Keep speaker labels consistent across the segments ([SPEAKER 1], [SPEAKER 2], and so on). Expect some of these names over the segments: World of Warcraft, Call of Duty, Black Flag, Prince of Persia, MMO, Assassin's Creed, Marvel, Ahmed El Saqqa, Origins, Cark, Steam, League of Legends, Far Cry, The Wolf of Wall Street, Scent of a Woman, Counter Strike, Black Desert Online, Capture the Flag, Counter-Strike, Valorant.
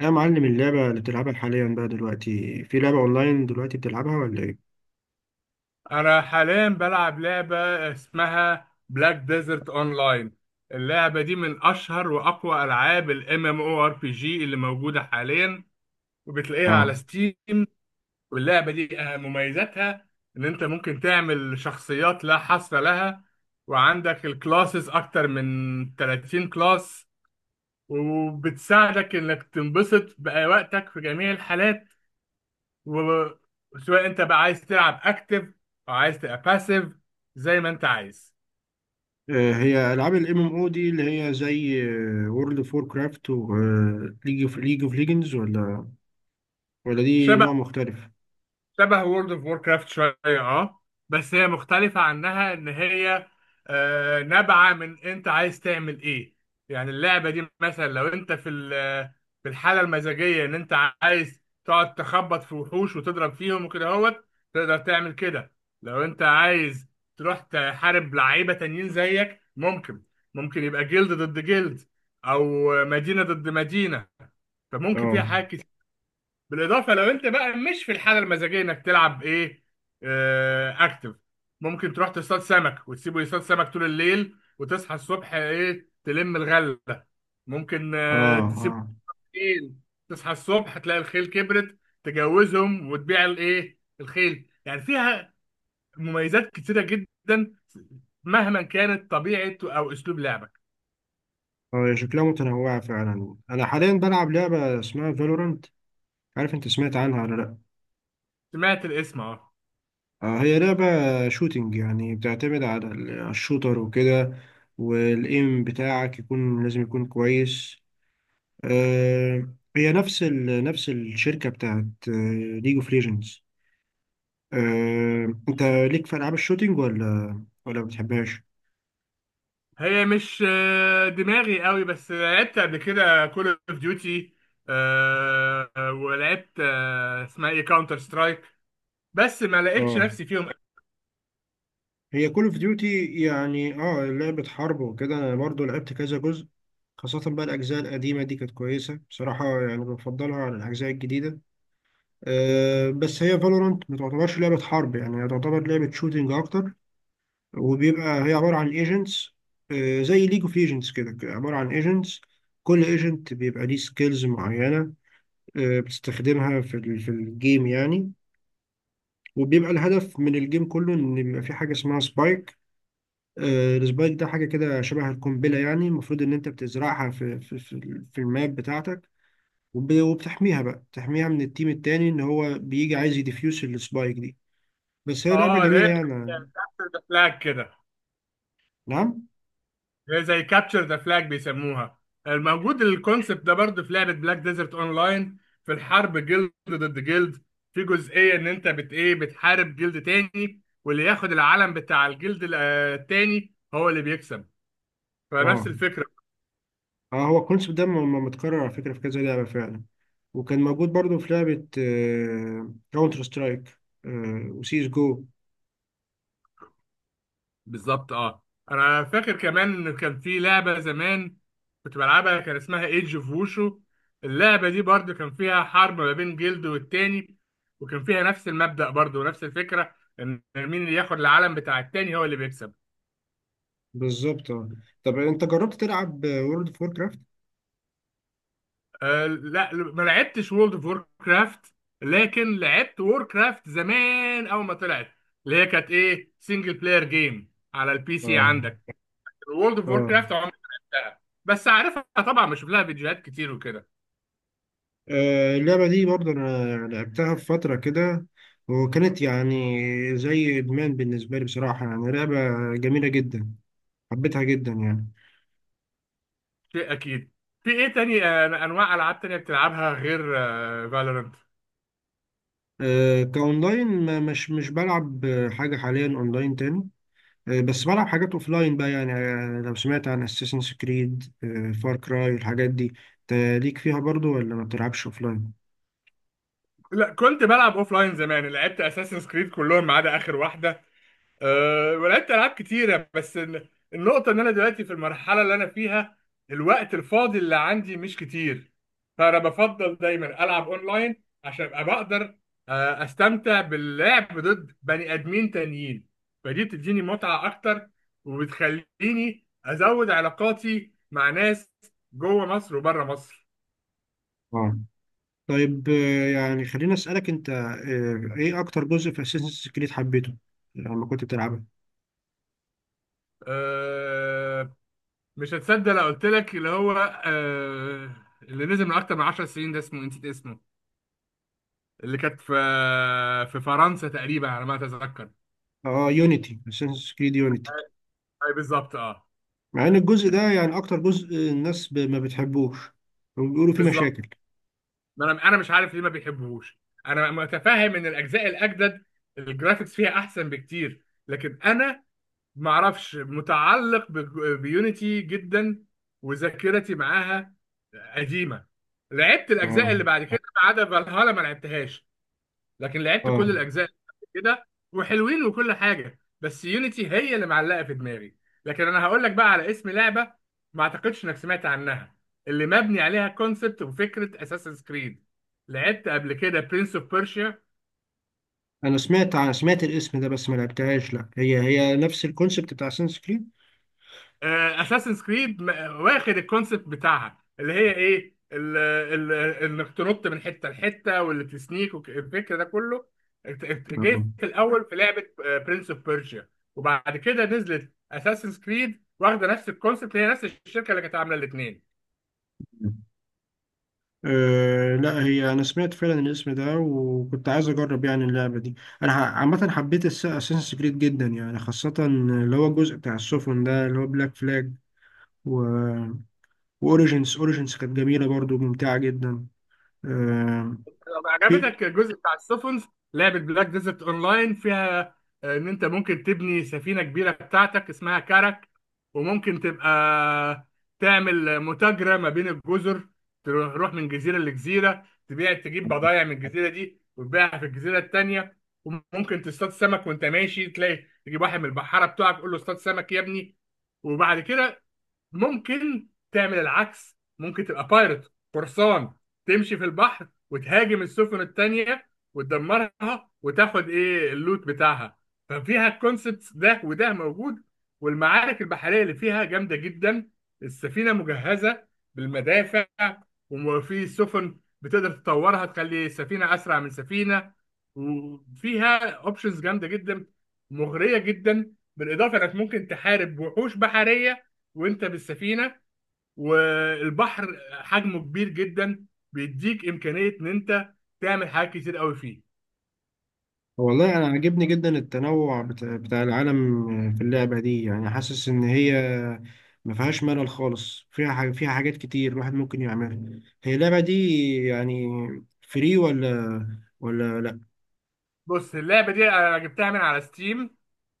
[SPEAKER 1] يا معلم اللعبة اللي بتلعبها حاليا بقى دلوقتي في لعبة أونلاين دلوقتي بتلعبها ولا إيه؟
[SPEAKER 2] انا حاليا بلعب لعبه اسمها بلاك ديزرت اونلاين. اللعبه دي من اشهر واقوى العاب الام ام او ار بي جي اللي موجوده حاليا، وبتلاقيها على
[SPEAKER 1] اه.
[SPEAKER 2] ستيم. واللعبه دي أهم مميزاتها ان انت ممكن تعمل شخصيات لا حصر لها، وعندك الكلاسز اكتر من 30 كلاس، وبتساعدك انك تنبسط بوقتك في جميع الحالات. وسواء انت بقى عايز تلعب اكتف او عايز تبقى باسيف، زي ما انت عايز.
[SPEAKER 1] هي ألعاب ال MMO دي اللي هي زي وورلد أوف وور كرافت و ليج أوف ليجندز ولا دي
[SPEAKER 2] شبه
[SPEAKER 1] نوع مختلف؟
[SPEAKER 2] شبه وورلد اوف وور كرافت شويه. اه، بس هي مختلفه عنها ان هي نابعه من انت عايز تعمل ايه. يعني اللعبه دي مثلا لو انت في الحاله المزاجيه ان انت عايز تقعد تخبط في وحوش وتضرب فيهم وكده اهوت، تقدر تعمل كده. لو انت عايز تروح تحارب لعيبه تانيين زيك، ممكن يبقى جلد ضد جلد او مدينه ضد مدينه، فممكن فيها
[SPEAKER 1] اه.
[SPEAKER 2] حاجات. بالاضافه لو انت بقى مش في الحاله المزاجيه انك تلعب ايه، آه اكتف، ممكن تروح تصطاد سمك وتسيبه يصطاد سمك طول الليل وتصحى الصبح ايه تلم الغله. ممكن
[SPEAKER 1] آه.
[SPEAKER 2] تسيبه
[SPEAKER 1] آه.
[SPEAKER 2] خيل، تصحى الصبح تلاقي الخيل كبرت، تجوزهم وتبيع الايه الخيل. يعني فيها مميزات كتيره جدا، مهما كانت طبيعه او اسلوب لعبك.
[SPEAKER 1] هي شكلها متنوعة فعلا. أنا حاليا بلعب لعبة اسمها فالورانت، عارف أنت سمعت عنها ولا لأ؟
[SPEAKER 2] سمعت الاسم اهو.
[SPEAKER 1] آه، هي لعبة شوتينج، يعني بتعتمد على على الشوتر وكده، والإيم بتاعك يكون لازم يكون كويس. آه، هي نفس الشركة بتاعت ليج اوف ليجندز. انت ليك في العاب الشوتينج ولا ما بتحبهاش؟
[SPEAKER 2] هي مش دماغي قوي، بس لعبت قبل كده كول اوف ديوتي، ولعبت اسمها ايه كاونتر سترايك، بس ما لقيتش
[SPEAKER 1] اه،
[SPEAKER 2] نفسي فيهم.
[SPEAKER 1] هي كول اوف ديوتي يعني اه لعبة حرب وكده، انا برضو لعبت كذا جزء. خاصة بقى الأجزاء القديمة دي كانت كويسة بصراحة، يعني بفضلها عن الأجزاء الجديدة. أه، بس هي فالورانت ما تعتبرش لعبة حرب، يعني هي تعتبر لعبة شوتينج أكتر. وبيبقى هي عبارة عن ايجنتس، زي ليج اوف ايجنتس كده عبارة عن ايجنتس. كل ايجنت بيبقى ليه سكيلز معينة، بتستخدمها في في الجيم يعني. وبيبقى الهدف من الجيم كله ان يبقى في حاجة اسمها سبايك. السبايك ده حاجة كده شبه القنبلة، يعني المفروض ان انت بتزرعها في الماب بتاعتك، وبتحميها بقى من التيم التاني ان هو بيجي عايز يديفيوس السبايك دي. بس هي لعبة
[SPEAKER 2] اه، اللي
[SPEAKER 1] جميلة
[SPEAKER 2] هي
[SPEAKER 1] يعني.
[SPEAKER 2] كابتشر ذا فلاج كده.
[SPEAKER 1] نعم.
[SPEAKER 2] اللي هي زي كابتشر ذا فلاج بيسموها. الموجود الكونسبت ده برضه في لعبه بلاك ديزرت لاين، في الحرب جلد ضد جلد، في جزئيه ان انت بت ايه بتحارب جلد تاني، واللي ياخد العلم بتاع الجلد التاني هو اللي بيكسب. فنفس
[SPEAKER 1] اه.
[SPEAKER 2] الفكره.
[SPEAKER 1] اه هو الكونسيبت ده متكرر على فكرة في كذا لعبة فعلا، وكان موجود برضو في لعبة كاونتر سترايك وسيس جو.
[SPEAKER 2] بالظبط اه. انا فاكر كمان ان كان في لعبه زمان كنت بلعبها، كان اسمها ايدج اوف ووشو. اللعبه دي برضو كان فيها حرب ما بين جلد والتاني، وكان فيها نفس المبدأ برضو ونفس الفكره، ان مين اللي ياخد العالم بتاع التاني هو اللي بيكسب.
[SPEAKER 1] بالظبط آه. طب انت جربت تلعب وورلد اوف وور كرافت؟
[SPEAKER 2] آه لا، ما لعبتش وورلد اوف وور كرافت، لكن لعبت وور كرافت زمان اول ما طلعت، اللي هي كانت ايه سنجل بلاير جيم على البي سي
[SPEAKER 1] اه.
[SPEAKER 2] عندك. وورلد اوف وور
[SPEAKER 1] اه.
[SPEAKER 2] كرافت عمري ما لعبتها، بس عارفها طبعا، بشوف لها فيديوهات كتير وكده.
[SPEAKER 1] اللعبة دي برضه أنا لعبتها في فترة كده، وكانت يعني زي إدمان بالنسبة لي بصراحة، يعني لعبة جميلة جدا، حبيتها جدا يعني.
[SPEAKER 2] شيء اكيد. في ايه تاني انواع العاب تانية بتلعبها غير فالورنت؟
[SPEAKER 1] كأونلاين مش بلعب حاجة حاليا أونلاين تاني. بس بلعب حاجات اوف لاين بقى، يعني لو سمعت عن اساسنز كريد فار كراي الحاجات دي، انت ليك فيها برضو ولا ما بتلعبش اوف لاين؟
[SPEAKER 2] لا، كنت بلعب اوف لاين زمان، لعبت اساسن كريد كلهم ما عدا اخر واحده. أه، ولعبت العاب كتيره، بس النقطه ان انا دلوقتي في المرحله اللي انا فيها الوقت الفاضي اللي عندي مش كتير. فانا بفضل دايما العب اونلاين عشان ابقى بقدر استمتع باللعب ضد بني ادمين تانيين. فدي بتديني متعه اكتر، وبتخليني ازود علاقاتي مع ناس جوه مصر وبره مصر.
[SPEAKER 1] اه. طيب يعني خليني اسالك انت، ايه اكتر جزء في اساسنز كريد حبيته لما كنت بتلعبها؟
[SPEAKER 2] أه، مش هتصدق لو قلت لك اللي هو، أه، اللي نزل من اكتر من 10 سنين ده، اسمه نسيت اسمه، اللي كانت في في فرنسا تقريبا على ما اتذكر.
[SPEAKER 1] اه يونيتي، اساسنز كريد يونيتي.
[SPEAKER 2] اي بالظبط اه.
[SPEAKER 1] مع ان
[SPEAKER 2] ب-
[SPEAKER 1] الجزء ده يعني اكتر جزء الناس ما بتحبوش وبيقولوا فيه
[SPEAKER 2] بالظبط.
[SPEAKER 1] مشاكل.
[SPEAKER 2] ما انا مش عارف ليه ما بيحبوهوش. انا متفاهم ان الاجزاء الاجدد الجرافيكس فيها احسن بكتير، لكن انا ما اعرفش، متعلق بيونيتي جدا، وذاكرتي معاها قديمه. لعبت الاجزاء
[SPEAKER 1] اه.
[SPEAKER 2] اللي بعد كده ما عدا فالهالا ما لعبتهاش، لكن لعبت كل
[SPEAKER 1] اه
[SPEAKER 2] الاجزاء كده، وحلوين وكل حاجه، بس يونيتي هي اللي معلقه في دماغي. لكن انا هقول لك بقى على اسم لعبه ما اعتقدش انك سمعت عنها، اللي مبني عليها كونسبت وفكره اساسن كريد. لعبت قبل كده برنس اوف بيرشيا.
[SPEAKER 1] انا سمعت عن، سمعت الاسم ده بس ما لعبتهاش. لا، هي نفس الكونسيبت بتاع اساسنز كريد.
[SPEAKER 2] اساسن كريد واخد الكونسيبت بتاعها، اللي هي ايه ال- انك تنط من حته لحته واللي تسنيك الفكر ده كله جاي في الاول في لعبه برنس اوف بيرجيا، وبعد كده نزلت اساسن كريد واخده نفس الكونسيبت، هي نفس الشركه اللي كانت عامله الاثنين.
[SPEAKER 1] اه. أه لا، هي انا سمعت فعلا الاسم ده وكنت عايز اجرب يعني اللعبه دي. انا عامه حبيت اساسنس كريد جدا، يعني خاصه اللي هو الجزء بتاع السفن ده اللي هو بلاك فلاج، و... واوريجينز. اوريجينز كانت جميله برضو، ممتعه جدا. أه.
[SPEAKER 2] لو
[SPEAKER 1] في.
[SPEAKER 2] عجبتك الجزء بتاع السفن، لعبة بلاك ديزرت اونلاين فيها ان انت ممكن تبني سفينة كبيرة بتاعتك اسمها كارك، وممكن تبقى تعمل متاجرة ما بين الجزر، تروح من جزيرة لجزيرة، تبيع تجيب بضايع من الجزيرة دي وتبيعها في الجزيرة التانية. وممكن تصطاد سمك وانت ماشي، تلاقي تجيب واحد من البحارة بتوعك تقول له اصطاد سمك يا ابني، وبعد كده ممكن تعمل العكس. ممكن تبقى بايرت قرصان، تمشي في البحر وتهاجم السفن التانية وتدمرها وتاخد ايه اللوت بتاعها. ففيها الكونسبتس ده وده موجود، والمعارك البحرية اللي فيها جامدة جدا. السفينة مجهزة بالمدافع. وفي سفن بتقدر تطورها تخلي سفينة أسرع من سفينة، وفيها اوبشنز جامدة جدا، مغرية جدا. بالإضافة إنك ممكن تحارب وحوش بحرية وانت بالسفينه، والبحر حجمه كبير جدا، بيديك امكانيه ان انت تعمل حاجات كتير قوي فيه.
[SPEAKER 1] والله أنا عاجبني جدا التنوع بتاع العالم في اللعبة دي، يعني حاسس إن هي ما فيهاش ملل خالص، فيها فيها حاجات كتير الواحد ممكن يعملها. هي اللعبة دي يعني فري ولا لأ؟
[SPEAKER 2] بص اللعبه دي انا جبتها من على ستيم،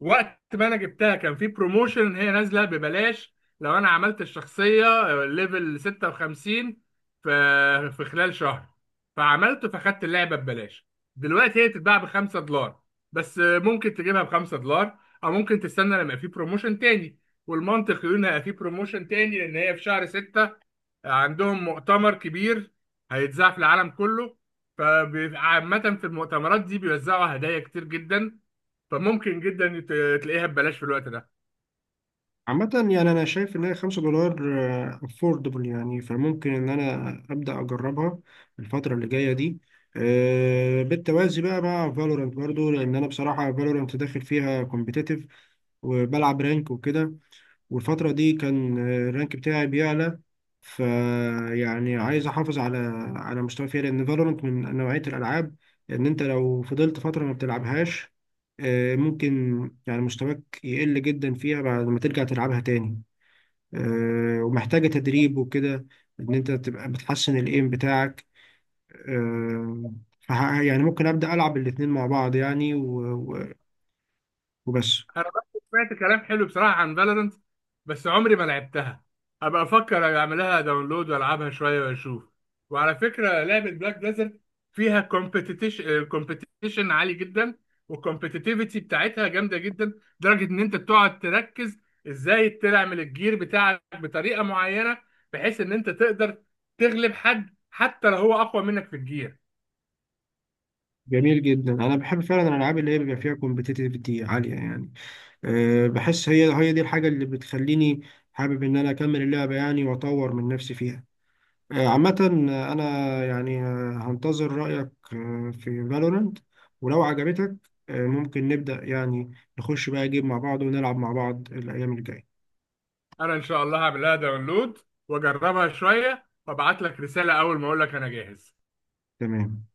[SPEAKER 2] وقت ما انا جبتها كان في بروموشن، هي نازله ببلاش لو انا عملت الشخصيه ليفل 56 في خلال شهر، فعملته فخدت اللعبه ببلاش. دلوقتي هي بتتباع ب 5 دولار. بس ممكن تجيبها ب 5 دولار، او ممكن تستنى لما يبقى في بروموشن تاني. والمنطق يقول ان هيبقى في بروموشن تاني، لان هي في شهر 6 عندهم مؤتمر كبير هيتذاع في العالم كله، فعامة في المؤتمرات دي بيوزعوا هدايا كتير جدا، فممكن جدا تلاقيها ببلاش في الوقت ده.
[SPEAKER 1] عامة يعني أنا شايف إن هي $5 أفوردبل، يعني فممكن إن أنا أبدأ أجربها الفترة اللي جاية دي، بالتوازي بقى مع فالورانت برضو، لأن أنا بصراحة فالورانت داخل فيها كومبيتيتيف وبلعب رانك وكده، والفترة دي كان الرانك بتاعي بيعلى. فيعني عايز احافظ على مستوى فيها، لان فالورانت من نوعية الالعاب ان انت لو فضلت فترة ما بتلعبهاش، ممكن يعني مستواك يقل جدا فيها بعد ما ترجع تلعبها تاني، ومحتاجة تدريب وكده، ان انت تبقى بتحسن الايم بتاعك، آه، يعني ممكن ابدا العب الاتنين مع بعض يعني وبس.
[SPEAKER 2] انا بس سمعت كلام حلو بصراحه عن فالورنت، بس عمري ما لعبتها. هبقى افكر اعملها داونلود والعبها شويه واشوف. وعلى فكره لعبه بلاك ديزرت فيها كومبيتيشن، عالي جدا، والكومبيتيتيفيتي بتاعتها جامده جدا، لدرجه ان انت تقعد تركز ازاي تعمل الجير بتاعك بطريقه معينه، بحيث ان انت تقدر تغلب حد حتى لو هو اقوى منك في الجير.
[SPEAKER 1] جميل جدا، انا بحب فعلا الالعاب اللي هي بيبقى فيها كومبتيتيفيتي عاليه يعني. أه، بحس هي دي الحاجه اللي بتخليني حابب ان انا اكمل اللعبه يعني، واطور من نفسي فيها. أه عامه، انا يعني هنتظر رايك في فالورانت، ولو عجبتك ممكن نبدا يعني نخش بقى جيم مع بعض ونلعب مع بعض الايام الجايه.
[SPEAKER 2] انا ان شاء الله هعملها داونلود، واجربها شويه وابعت لك رساله اول ما اقول لك انا جاهز.
[SPEAKER 1] تمام.